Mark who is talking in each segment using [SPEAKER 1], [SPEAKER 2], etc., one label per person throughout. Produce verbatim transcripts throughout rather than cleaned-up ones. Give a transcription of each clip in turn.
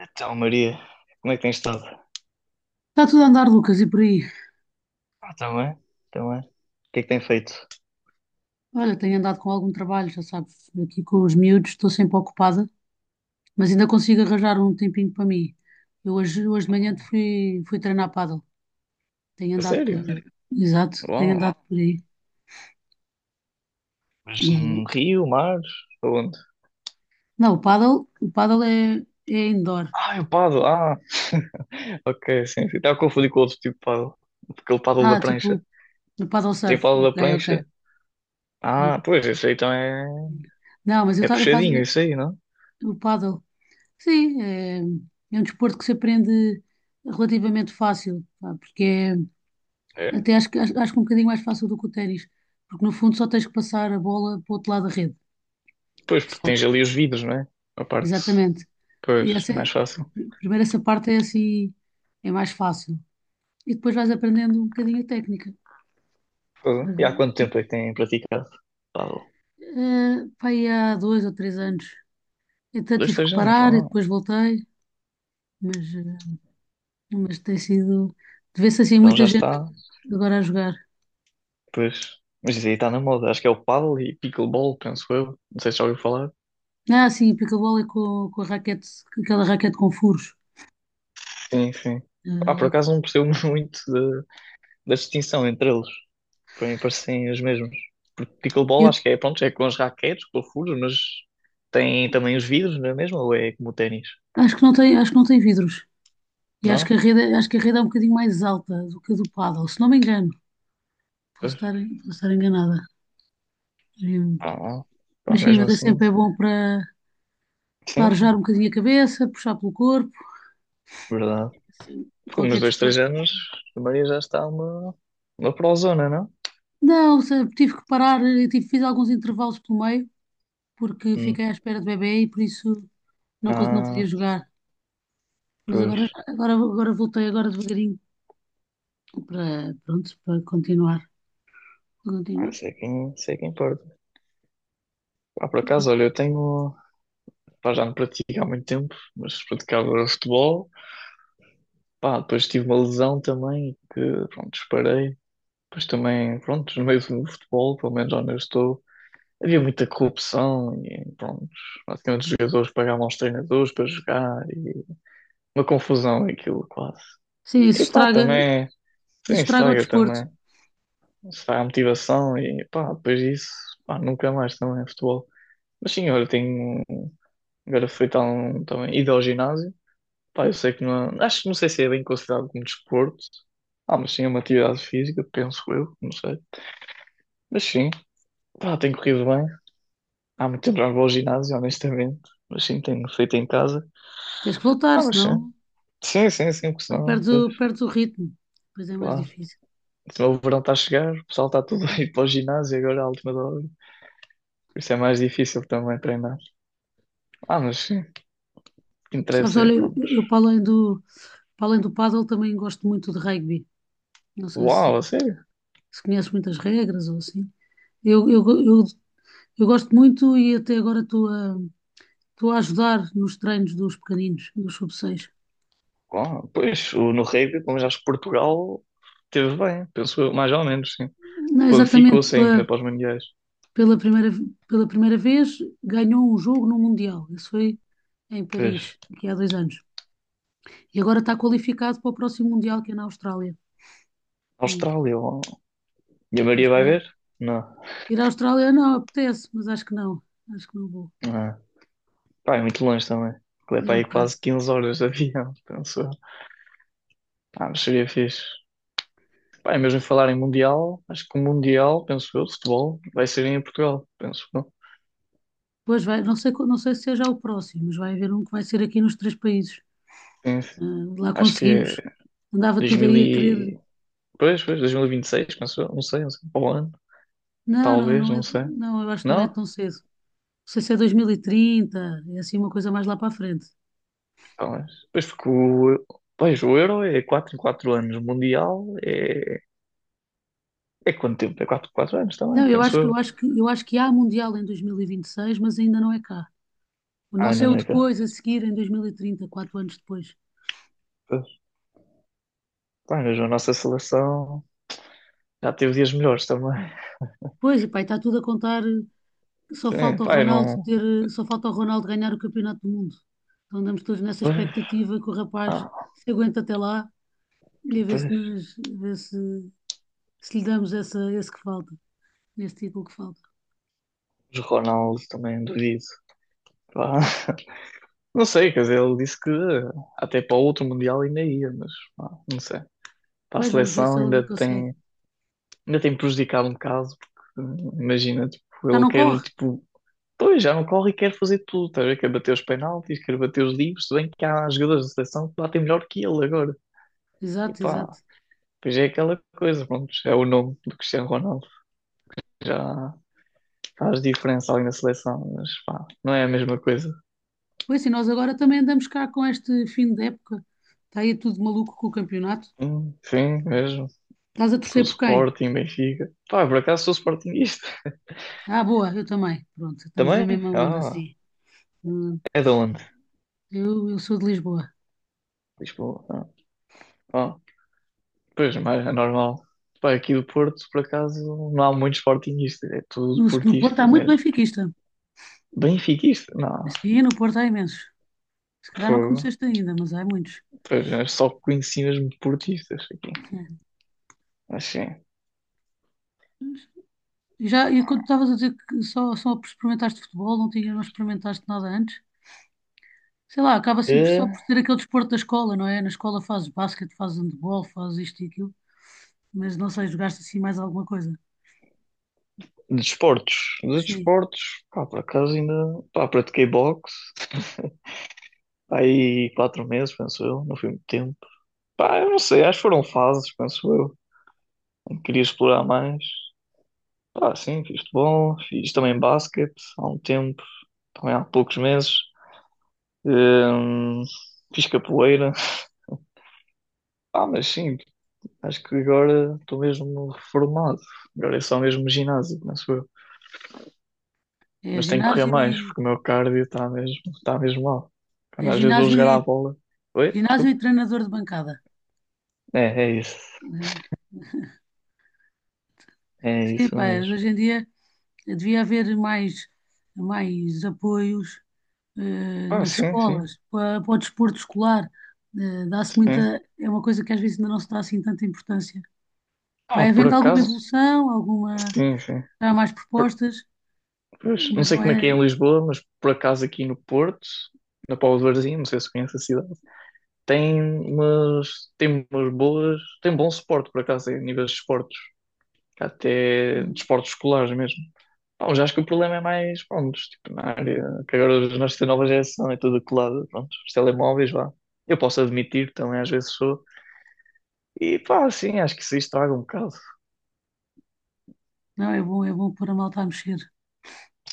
[SPEAKER 1] Então, Maria, como é que tens estado?
[SPEAKER 2] Está tudo a andar, Lucas, e por aí?
[SPEAKER 1] Ah, também, também. O que é que tem feito?
[SPEAKER 2] Olha, tenho andado com algum trabalho, já sabes, aqui com os miúdos, estou sempre ocupada, mas ainda consigo arranjar um tempinho para mim. Eu hoje, hoje de manhã fui, fui treinar pádel, tenho
[SPEAKER 1] A
[SPEAKER 2] andado por...
[SPEAKER 1] sério?
[SPEAKER 2] aí. Exato, tenho
[SPEAKER 1] Uau.
[SPEAKER 2] andado por aí.
[SPEAKER 1] Mas num
[SPEAKER 2] E-
[SPEAKER 1] rio, mar? Aonde?
[SPEAKER 2] Não, o pádel, o pádel é, é indoor.
[SPEAKER 1] Ah, é o paddle. Ah, ok, sim, sim. Estava a confundir com outro tipo de paddle. Aquele paddle da
[SPEAKER 2] Ah,
[SPEAKER 1] prancha.
[SPEAKER 2] tipo, o paddle
[SPEAKER 1] Tem
[SPEAKER 2] surf,
[SPEAKER 1] paddle
[SPEAKER 2] ok,
[SPEAKER 1] da
[SPEAKER 2] ok.
[SPEAKER 1] prancha? Ah, pois, isso aí então é...
[SPEAKER 2] Não, mas eu,
[SPEAKER 1] É
[SPEAKER 2] ta- eu faço
[SPEAKER 1] puxadinho, isso aí, não?
[SPEAKER 2] o paddle. Sim, é, é um desporto que se aprende relativamente fácil, pá. porque é,
[SPEAKER 1] É?
[SPEAKER 2] Até acho, que- acho, acho que um bocadinho mais fácil do que o ténis, porque no fundo só tens que passar a bola para o outro lado da rede.
[SPEAKER 1] Pois, porque
[SPEAKER 2] Só.
[SPEAKER 1] tens ali os vidros, não é? A parte...
[SPEAKER 2] Exatamente.
[SPEAKER 1] Pois,
[SPEAKER 2] E essa
[SPEAKER 1] é
[SPEAKER 2] é-
[SPEAKER 1] mais fácil.
[SPEAKER 2] primeiro essa parte é assim, é mais fácil. E depois vais aprendendo um bocadinho a técnica.
[SPEAKER 1] Fogo.
[SPEAKER 2] Mas
[SPEAKER 1] E há
[SPEAKER 2] é-
[SPEAKER 1] quanto tempo é que têm praticado paddle?
[SPEAKER 2] é, pá, aí há dois ou três anos. Então
[SPEAKER 1] Dois,
[SPEAKER 2] tive que
[SPEAKER 1] três anos?
[SPEAKER 2] parar e
[SPEAKER 1] Ah,
[SPEAKER 2] depois voltei, mas, eh, mas tem sido. Vê-se assim
[SPEAKER 1] então
[SPEAKER 2] muita
[SPEAKER 1] já
[SPEAKER 2] gente
[SPEAKER 1] está...
[SPEAKER 2] agora a jogar.
[SPEAKER 1] Pois. Mas isso aí está na moda. Acho que é o paddle e pickleball, penso eu. Não sei se já ouviu falar.
[SPEAKER 2] Ah, sim, pickleball é com, com a raquete, aquela raquete com furos.
[SPEAKER 1] Sim, sim. Ah, por
[SPEAKER 2] Eh,
[SPEAKER 1] acaso não percebo muito da, da, distinção entre eles. Para mim parecem os mesmos. Porque pickleball
[SPEAKER 2] Eu
[SPEAKER 1] acho que é, pronto, é com as raquetes, com os furos, mas tem também os vidros, não é mesmo? Ou é como o ténis?
[SPEAKER 2] Acho que não tem, acho que não tem vidros. E acho que a
[SPEAKER 1] Não?
[SPEAKER 2] rede, acho que a rede é um bocadinho mais alta do que a do paddle, se não me engano. Posso
[SPEAKER 1] Pois.
[SPEAKER 2] estar, posso estar enganada. Hum,
[SPEAKER 1] Ah, pá,
[SPEAKER 2] Mas sim,
[SPEAKER 1] mesmo
[SPEAKER 2] mas é
[SPEAKER 1] assim.
[SPEAKER 2] sempre é bom para, para
[SPEAKER 1] Sim, sim.
[SPEAKER 2] arejar um bocadinho a cabeça, puxar pelo corpo,
[SPEAKER 1] Verdade.
[SPEAKER 2] assim,
[SPEAKER 1] Por uns
[SPEAKER 2] qualquer
[SPEAKER 1] dois, três
[SPEAKER 2] desporto.
[SPEAKER 1] anos, a Maria já está uma, uma prozona, não?
[SPEAKER 2] Não, se- tive que parar, eh, tive, fiz alguns intervalos pelo meio, porque
[SPEAKER 1] Hum.
[SPEAKER 2] fiquei à espera do bebê e por isso não, cons- não podia
[SPEAKER 1] Ah,
[SPEAKER 2] jogar. Mas agora,
[SPEAKER 1] pois.
[SPEAKER 2] já- agora, agora voltei, agora devagarinho, para, pronto, para continuar. Para
[SPEAKER 1] Ah,
[SPEAKER 2] continuar.
[SPEAKER 1] sei quem, sei quem importa. Pá, por acaso, olha, eu tenho. Pá, já não pratico há muito tempo, mas praticava futebol. Pá, depois tive uma lesão também, que pronto, disparei. Depois também, pronto, no meio do futebol, pelo menos onde eu estou, havia muita corrupção e pronto, basicamente os jogadores pagavam aos treinadores para jogar e uma confusão aquilo quase.
[SPEAKER 2] Sim, isso
[SPEAKER 1] E pá,
[SPEAKER 2] estraga,
[SPEAKER 1] também, sim,
[SPEAKER 2] isso estraga o
[SPEAKER 1] estraga
[SPEAKER 2] desporto.
[SPEAKER 1] também, estraga a motivação e pá, depois disso, pá, nunca mais também é futebol. Mas sim, olha, tenho agora feito há um, também ido ao ginásio. Pá, eu sei que não. Acho que não sei se é bem considerado como desporto. Ah, mas sim, é uma atividade física, penso eu, não sei. Mas sim, pá, tem corrido bem. Há muito tempo já não vou ao ginásio, honestamente. Mas sim, tenho feito em casa.
[SPEAKER 2] Tens que voltar,
[SPEAKER 1] Ah, mas sim.
[SPEAKER 2] senão,
[SPEAKER 1] Sim, sim, sim, porque
[SPEAKER 2] senão
[SPEAKER 1] senão,
[SPEAKER 2] perdes
[SPEAKER 1] pois,
[SPEAKER 2] o, perdes o ritmo. Depois é é mais
[SPEAKER 1] claro.
[SPEAKER 2] difícil.
[SPEAKER 1] Senão o verão está a chegar, o pessoal está tudo a ir para o ginásio agora à última da hora. Por isso é mais difícil também treinar. Ah, mas sim, o que
[SPEAKER 2] Sabes,
[SPEAKER 1] interessa é,
[SPEAKER 2] olha, eu,
[SPEAKER 1] pronto.
[SPEAKER 2] eu para além do, para além do pádel também gosto muito de rugby. Não sei
[SPEAKER 1] Uau,
[SPEAKER 2] se,
[SPEAKER 1] a sério?
[SPEAKER 2] se conheces muitas regras ou assim. Eu, eu, eu, eu gosto muito e até agora estou a, estou a ajudar nos treinos dos pequeninos, dos sub seis.
[SPEAKER 1] Uau, pois, o- no rugby, como já acho que Portugal teve bem, penso eu, mais ou menos, sim.
[SPEAKER 2] Não é exatamente
[SPEAKER 1] Qualificou-se ainda
[SPEAKER 2] pela,
[SPEAKER 1] para os Mundiais.
[SPEAKER 2] pela primeira, pela primeira vez ganhou um jogo no Mundial. Isso foi em
[SPEAKER 1] Pois.
[SPEAKER 2] Paris, aqui há dois anos. E agora está qualificado para o próximo Mundial, que é na Austrália. Hum,
[SPEAKER 1] Austrália, ó. E a
[SPEAKER 2] à
[SPEAKER 1] Maria vai
[SPEAKER 2] Austrália.
[SPEAKER 1] ver? Não.
[SPEAKER 2] Ir à Austrália não apetece, mas acho que não. Acho que não vou.
[SPEAKER 1] Não. É. Pá, é muito longe também. É
[SPEAKER 2] É
[SPEAKER 1] para
[SPEAKER 2] um
[SPEAKER 1] aí
[SPEAKER 2] bocado.
[SPEAKER 1] quase quinze horas de avião, penso eu. Ah, mas seria fixe. Pá, e mesmo falar em Mundial, acho que o Mundial, penso eu, de futebol, vai ser em Portugal, penso eu.
[SPEAKER 2] Pois vai, não sei, qual- não sei se seja o próximo, mas vai haver um que vai ser aqui nos três países.
[SPEAKER 1] Sim,
[SPEAKER 2] Ah,
[SPEAKER 1] sim.
[SPEAKER 2] lá
[SPEAKER 1] Acho que é
[SPEAKER 2] conseguimos. Andava tudo
[SPEAKER 1] dois mil
[SPEAKER 2] aí a querer.
[SPEAKER 1] e... Pois, pois, dois mil e vinte e seis, penso eu. Não sei, não sei. Ou ano,
[SPEAKER 2] Não, não,
[SPEAKER 1] talvez,
[SPEAKER 2] não
[SPEAKER 1] não
[SPEAKER 2] é.
[SPEAKER 1] sei.
[SPEAKER 2] Não, eu acho que não é
[SPEAKER 1] Não?
[SPEAKER 2] tão cedo. Não sei se é dois mil e trinta, é assim uma coisa mais lá para a frente.
[SPEAKER 1] Talvez. Pois porque o... Pois, o Euro é quatro em quatro anos. O Mundial é É quanto tempo? É quatro, quatro, anos também,
[SPEAKER 2] Não, eu
[SPEAKER 1] penso
[SPEAKER 2] acho que eu
[SPEAKER 1] eu.
[SPEAKER 2] acho que eu acho que há Mundial em dois mil e vinte e seis, mas ainda não é cá. O
[SPEAKER 1] Ah,
[SPEAKER 2] nosso
[SPEAKER 1] ainda
[SPEAKER 2] é o
[SPEAKER 1] não é cá.
[SPEAKER 2] depois, a seguir, em dois mil e trinta, quatro anos depois.
[SPEAKER 1] Pois. Pá, mas a nossa seleção já teve dias melhores também.
[SPEAKER 2] Pois, e pá, está tudo a contar. Só
[SPEAKER 1] Sim,
[SPEAKER 2] falta o
[SPEAKER 1] pá, eu
[SPEAKER 2] Ronaldo
[SPEAKER 1] não.
[SPEAKER 2] ter, só falta o Ronaldo ganhar o Campeonato do Mundo. Então andamos todos nessa
[SPEAKER 1] Pois.
[SPEAKER 2] expectativa que o rapaz
[SPEAKER 1] Ah,
[SPEAKER 2] se aguenta até lá e a ver se,
[SPEAKER 1] pois.
[SPEAKER 2] nos, a ver se, se lhe damos essa, esse que falta, esse título que falta.
[SPEAKER 1] Os Ronaldo também duvido. Pá, não sei, quer dizer, ele disse que até para o outro Mundial ainda ia, mas pá, não sei. Para a
[SPEAKER 2] Pois vamos ver
[SPEAKER 1] seleção
[SPEAKER 2] se ele
[SPEAKER 1] ainda
[SPEAKER 2] ainda consegue.
[SPEAKER 1] tem, ainda tem prejudicado um bocado, porque imagina, tipo,
[SPEAKER 2] Já
[SPEAKER 1] ele
[SPEAKER 2] não
[SPEAKER 1] quer,
[SPEAKER 2] corre?
[SPEAKER 1] tipo, pois já não corre e quer fazer tudo, tá a ver? Quer bater os penaltis, quer bater os livros, se bem que há jogadores da seleção que batem melhor que ele agora. E
[SPEAKER 2] Exato,
[SPEAKER 1] pá,
[SPEAKER 2] exato.
[SPEAKER 1] pois é aquela coisa, pronto, é o nome do Cristiano Ronaldo. Já faz diferença ali na seleção, mas pá, não é a mesma coisa.
[SPEAKER 2] Pois sim, nós agora também andamos cá com este fim de época. Está aí tudo maluco com o campeonato.
[SPEAKER 1] Hum, Sim, mesmo.
[SPEAKER 2] Estás a
[SPEAKER 1] Com o
[SPEAKER 2] torcer por quem?
[SPEAKER 1] Sporting, Benfica. Pá, por acaso sou Sportingista.
[SPEAKER 2] Ah, boa, eu também. Pronto, estamos na
[SPEAKER 1] Também?
[SPEAKER 2] mesma onda
[SPEAKER 1] Ah,
[SPEAKER 2] assim. Hum,
[SPEAKER 1] é de onde?
[SPEAKER 2] Eu, eu sou de Lisboa.
[SPEAKER 1] Lisboa. Ah, ah, pois, mas é normal. Pá, aqui do Porto, por acaso, não há muito Sportingista, é tudo
[SPEAKER 2] No, no Porto há
[SPEAKER 1] portista
[SPEAKER 2] muito
[SPEAKER 1] mesmo.
[SPEAKER 2] benfiquista.
[SPEAKER 1] Benfiquista? Não,
[SPEAKER 2] Sim, no Porto há imensos. Se calhar não
[SPEAKER 1] foi.
[SPEAKER 2] conheceste ainda, mas há muitos.
[SPEAKER 1] Pois, eu só conheci mesmo portistas aqui.
[SPEAKER 2] Uhum.
[SPEAKER 1] Assim.
[SPEAKER 2] E, já, e quando estavas a dizer que só, só experimentaste futebol, não tinha, não experimentaste nada antes? Sei lá, acaba sempre só por ser aquele desporto da escola, não é? Na escola fazes basquete, fazes handball, fazes isto e aquilo, mas não sei, jogaste assim mais alguma coisa.
[SPEAKER 1] De desportos, de
[SPEAKER 2] Sim,
[SPEAKER 1] desportos, pá, por acaso ainda, pá, pratiquei boxe, pá, aí quatro meses, penso eu, não foi muito tempo. Pá, eu não sei, acho que foram fases, penso eu, em que queria explorar mais. Pá, sim, fiz futebol, fiz também basquete há um tempo, também há poucos meses. Hum, fiz capoeira, ah mas sim, acho que agora estou mesmo reformado, agora é só mesmo ginásio, penso eu.
[SPEAKER 2] é
[SPEAKER 1] Mas tenho que correr
[SPEAKER 2] ginásio
[SPEAKER 1] mais,
[SPEAKER 2] e,
[SPEAKER 1] porque o meu cardio está mesmo, está mesmo mal.
[SPEAKER 2] é
[SPEAKER 1] Quando às vezes vou
[SPEAKER 2] ginásio
[SPEAKER 1] jogar
[SPEAKER 2] e,
[SPEAKER 1] à bola. Oi?
[SPEAKER 2] ginásio
[SPEAKER 1] Desculpa.
[SPEAKER 2] e treinador de bancada.
[SPEAKER 1] É, é isso.
[SPEAKER 2] Né?
[SPEAKER 1] É
[SPEAKER 2] Sim,
[SPEAKER 1] isso
[SPEAKER 2] pá, mas
[SPEAKER 1] mesmo.
[SPEAKER 2] hoje em dia. Devia haver mais, mais apoios eh,
[SPEAKER 1] Ah,
[SPEAKER 2] nas
[SPEAKER 1] sim,
[SPEAKER 2] escolas,
[SPEAKER 1] sim.
[SPEAKER 2] para, para o desporto escolar. Eh, dá-se muita,
[SPEAKER 1] Sim.
[SPEAKER 2] é uma coisa que às vezes ainda não se dá assim tanta importância. Vai
[SPEAKER 1] Ah, por
[SPEAKER 2] havendo alguma
[SPEAKER 1] acaso.
[SPEAKER 2] evolução, alguma,
[SPEAKER 1] Sim, sim.
[SPEAKER 2] há mais
[SPEAKER 1] Por-
[SPEAKER 2] propostas,
[SPEAKER 1] pois, não
[SPEAKER 2] mas
[SPEAKER 1] sei
[SPEAKER 2] não
[SPEAKER 1] como é que é
[SPEAKER 2] é,
[SPEAKER 1] em Lisboa, mas por acaso aqui no Porto, na Póvoa de Varzim, não sei se conhece a cidade, tem umas, tem umas boas. Tem bom suporte, por acaso, em níveis de esportes. Até de
[SPEAKER 2] eh,
[SPEAKER 1] esportes escolares mesmo. Pá, já acho que o problema é mais, pronto, tipo, na área, que agora os- nós temos nova geração é tudo colado, pronto, os telemóveis, vá. Eu posso admitir, também às vezes sou. E pá, sim, acho que isso estraga um bocado.
[SPEAKER 2] não é bom, é bom pôr a malta a mexer.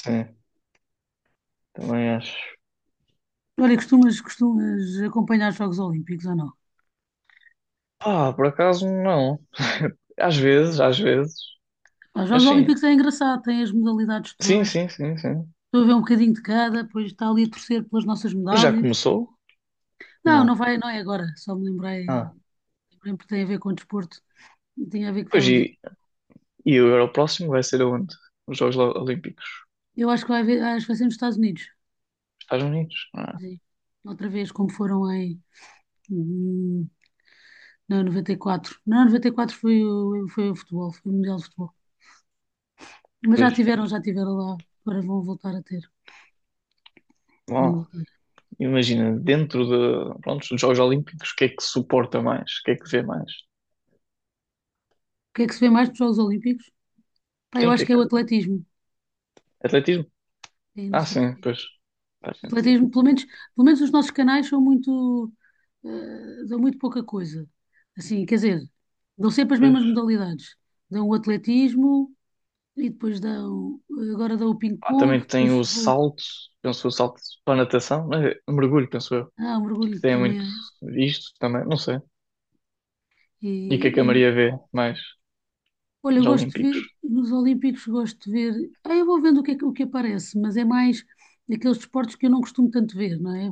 [SPEAKER 1] Sim, também acho.
[SPEAKER 2] Olha, costumas, costumas acompanhar os Jogos Olímpicos ou não?
[SPEAKER 1] Pá, por acaso não. Às vezes, às vezes.
[SPEAKER 2] Os
[SPEAKER 1] Mas
[SPEAKER 2] Jogos
[SPEAKER 1] sim.
[SPEAKER 2] Olímpicos é engraçado, tem as modalidades
[SPEAKER 1] Sim,
[SPEAKER 2] todas.
[SPEAKER 1] sim, sim, sim.
[SPEAKER 2] Estou a ver um bocadinho de cada, depois está ali a torcer pelas nossas
[SPEAKER 1] Mas já
[SPEAKER 2] medalhas.
[SPEAKER 1] começou?
[SPEAKER 2] Não,
[SPEAKER 1] Não.
[SPEAKER 2] não vai, não é agora. Só me lembrei.
[SPEAKER 1] Ah.
[SPEAKER 2] Também porque tem a ver com o desporto, tem a ver que
[SPEAKER 1] Pois
[SPEAKER 2] estávamos
[SPEAKER 1] e,
[SPEAKER 2] aqui.
[SPEAKER 1] e agora o próximo vai ser aonde? Os Jogos Lo- Olímpicos.
[SPEAKER 2] Eu acho que vai haver, acho que vai ser nos Estados Unidos.
[SPEAKER 1] Estados Unidos? Ah,
[SPEAKER 2] Sim. Outra vez, como foram em hum, não, noventa e quatro. Não, noventa e quatro foi o, foi o futebol, foi o Mundial de Futebol. Mas já
[SPEAKER 1] pois.
[SPEAKER 2] tiveram, já tiveram lá. Agora vão voltar a ter. Vão
[SPEAKER 1] Bom.
[SPEAKER 2] voltar.
[SPEAKER 1] Imagina, dentro de, pronto, dos Jogos Olímpicos, o que é que suporta mais? O que é que vê mais?
[SPEAKER 2] O que é que se vê mais nos Jogos Olímpicos? Pá, eu
[SPEAKER 1] Sim, o que
[SPEAKER 2] acho
[SPEAKER 1] é
[SPEAKER 2] que é o
[SPEAKER 1] que.
[SPEAKER 2] atletismo.
[SPEAKER 1] Atletismo?
[SPEAKER 2] Sim, não
[SPEAKER 1] Ah,
[SPEAKER 2] sei
[SPEAKER 1] sim,
[SPEAKER 2] porquê.
[SPEAKER 1] pois. Faz sentido.
[SPEAKER 2] Atletismo, pelo menos, pelo menos os nossos canais são muito, eh, dão muito pouca coisa. Assim, quer dizer, dão sempre as
[SPEAKER 1] Pois.
[SPEAKER 2] mesmas modalidades. Dão o atletismo. E depois dá o, agora dá o
[SPEAKER 1] Ah,
[SPEAKER 2] ping-pong,
[SPEAKER 1] também tem
[SPEAKER 2] depois
[SPEAKER 1] o
[SPEAKER 2] vou.
[SPEAKER 1] salto, penso o salto para a natação, mas é mergulho, penso eu.
[SPEAKER 2] Ah, o
[SPEAKER 1] Que
[SPEAKER 2] mergulho
[SPEAKER 1] tem
[SPEAKER 2] também
[SPEAKER 1] muito
[SPEAKER 2] é esse.
[SPEAKER 1] isto também, não sei. E o que é que a
[SPEAKER 2] E,
[SPEAKER 1] Maria vê mais
[SPEAKER 2] Olha, eu
[SPEAKER 1] dos
[SPEAKER 2] gosto de
[SPEAKER 1] Olímpicos?
[SPEAKER 2] ver, nos Olímpicos gosto de ver, ah, eu vou vendo o que, é que- o que aparece, mas é mais daqueles desportos que eu não costumo tanto ver, não é?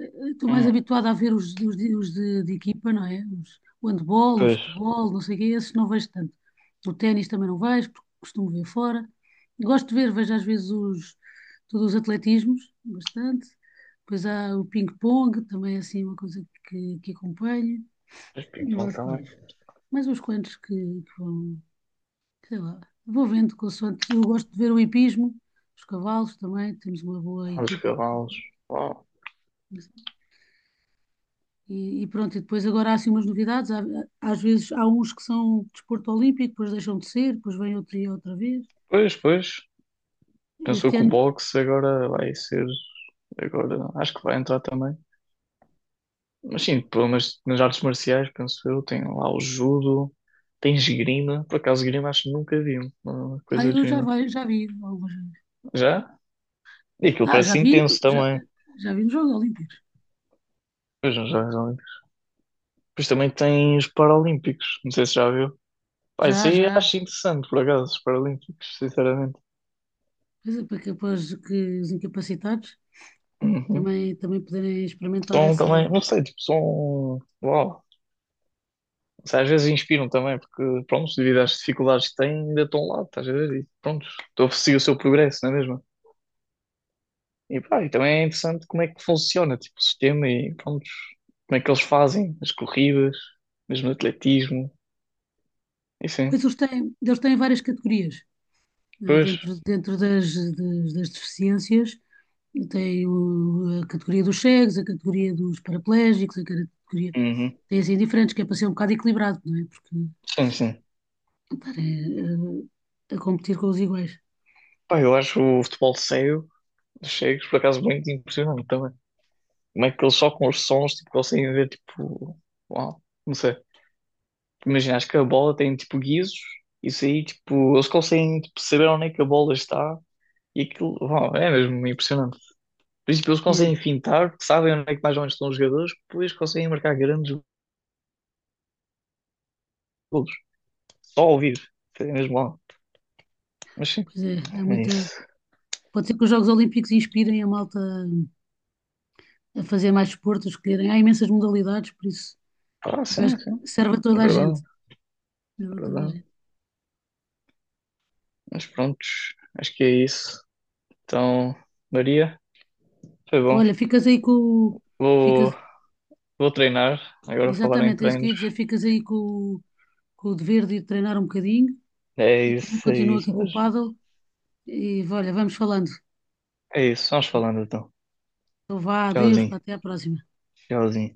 [SPEAKER 2] Eh, Estou mais
[SPEAKER 1] Hum,
[SPEAKER 2] habituada a ver os, os de, os de- de equipa, não é? Os- o handball, o
[SPEAKER 1] pois.
[SPEAKER 2] futebol, não sei o quê, esses não vejo tanto. O ténis também não vejo, porque costumo ver fora. Gosto de ver, vejo às vezes os, todos os atletismos, bastante. Depois há o ping-pong, também é assim uma coisa que, que acompanho,
[SPEAKER 1] Pois
[SPEAKER 2] e
[SPEAKER 1] ping-pong
[SPEAKER 2] mais
[SPEAKER 1] também.
[SPEAKER 2] quais. Mais uns quantos que, que vão, sei lá, vou vendo consoante. Eu gosto de ver o hipismo, os cavalos também, temos uma boa
[SPEAKER 1] Ah, os
[SPEAKER 2] equipa.
[SPEAKER 1] cavalos. Oh.
[SPEAKER 2] E, e pronto, e depois agora há assim umas novidades. Há- às vezes há uns que são desporto olímpico, depois deixam de ser, depois vem outro e outra vez.
[SPEAKER 1] Pois, pois. Pensou
[SPEAKER 2] Este
[SPEAKER 1] que o
[SPEAKER 2] ano,
[SPEAKER 1] boxe agora vai ser. Agora acho que vai entrar também. Mas sim, pelo menos nas artes marciais, penso eu, tem lá o judo, tem esgrima. Por acaso, esgrima acho que nunca vi uma
[SPEAKER 2] ah,
[SPEAKER 1] coisa de
[SPEAKER 2] eu já,
[SPEAKER 1] esgrima.
[SPEAKER 2] vai, já vi algumas vezes.
[SPEAKER 1] Já? E aquilo
[SPEAKER 2] Ah, já
[SPEAKER 1] parece
[SPEAKER 2] vi,
[SPEAKER 1] intenso
[SPEAKER 2] já,
[SPEAKER 1] também.
[SPEAKER 2] já vi nos Jogos Olímpicos.
[SPEAKER 1] Pois não, já, já. Depois também tem os Paralímpicos, não sei se já viu. Pá, isso
[SPEAKER 2] Já,
[SPEAKER 1] aí
[SPEAKER 2] já.
[SPEAKER 1] acho interessante, por acaso, os Paralímpicos, sinceramente.
[SPEAKER 2] Pois é, para que, para os que- os incapacitados
[SPEAKER 1] Uhum.
[SPEAKER 2] também, também poderem experimentar
[SPEAKER 1] São
[SPEAKER 2] essa.
[SPEAKER 1] também, não sei, tipo, são. Uau. Não sei, às vezes inspiram também, porque, pronto, devido às dificuldades que têm, ainda estão lá, estás a ver? E, pronto, estou a seguir o seu progresso, não é mesmo? E pá, e também é interessante como é que funciona, tipo, o sistema e pronto, como é que eles fazem as corridas, mesmo no atletismo, e
[SPEAKER 2] Pois
[SPEAKER 1] sim,
[SPEAKER 2] eles têm, eles têm várias categorias, eh,
[SPEAKER 1] pois,
[SPEAKER 2] dentro, dentro das, das, das deficiências. Tem o- a categoria dos cegos, a categoria dos paraplégicos, a categoria.
[SPEAKER 1] uhum.
[SPEAKER 2] Tem assim diferentes, que é para ser um bocado equilibrado, não é? Porque
[SPEAKER 1] Sim, sim.
[SPEAKER 2] pá, é, é, a competir com os iguais.
[SPEAKER 1] Pá, eu acho o futebol cego, dos cegos, por acaso, muito impressionante também. Como é que eles só com os sons, tipo, conseguem ver, tipo, uau, não sei. Imagina, acho que a bola tem, tipo, guizos, isso aí, tipo, eles conseguem, tipo, saber onde é que a bola está, e aquilo, uau, é mesmo impressionante. Por isso, tipo, eles
[SPEAKER 2] É,
[SPEAKER 1] conseguem fintar, sabem onde é que mais ou menos estão os jogadores, depois conseguem marcar grandes todos, só ouvir vivo, foi mesmo lá. Mas sim,
[SPEAKER 2] pois é, há
[SPEAKER 1] é
[SPEAKER 2] muita.
[SPEAKER 1] isso.
[SPEAKER 2] Pode ser que os Jogos Olímpicos inspirem a malta a fazer mais desporto, a escolherem. Há imensas modalidades, por isso
[SPEAKER 1] Ah,
[SPEAKER 2] eu
[SPEAKER 1] sim,
[SPEAKER 2] acho
[SPEAKER 1] sim,
[SPEAKER 2] que serve a
[SPEAKER 1] é
[SPEAKER 2] toda a
[SPEAKER 1] verdade,
[SPEAKER 2] gente. Serve
[SPEAKER 1] é
[SPEAKER 2] a toda a
[SPEAKER 1] verdade.
[SPEAKER 2] gente.
[SPEAKER 1] Mas prontos, acho que é isso. Então, Maria, foi bom.
[SPEAKER 2] Olha, ficas aí com o. Ficas.
[SPEAKER 1] Vou, vou treinar, agora falar em
[SPEAKER 2] Exatamente, é isso que eu
[SPEAKER 1] treinos.
[SPEAKER 2] ia dizer. Ficas aí com o com o dever de ir treinar um bocadinho
[SPEAKER 1] É
[SPEAKER 2] e também
[SPEAKER 1] isso, é
[SPEAKER 2] continuo aqui
[SPEAKER 1] isso,
[SPEAKER 2] com o
[SPEAKER 1] mas
[SPEAKER 2] paddle. E olha, vamos falando.
[SPEAKER 1] é isso, vamos falando então.
[SPEAKER 2] Então vá, adeus, pá,
[SPEAKER 1] Tchauzinho,
[SPEAKER 2] até à próxima.
[SPEAKER 1] tchauzinho.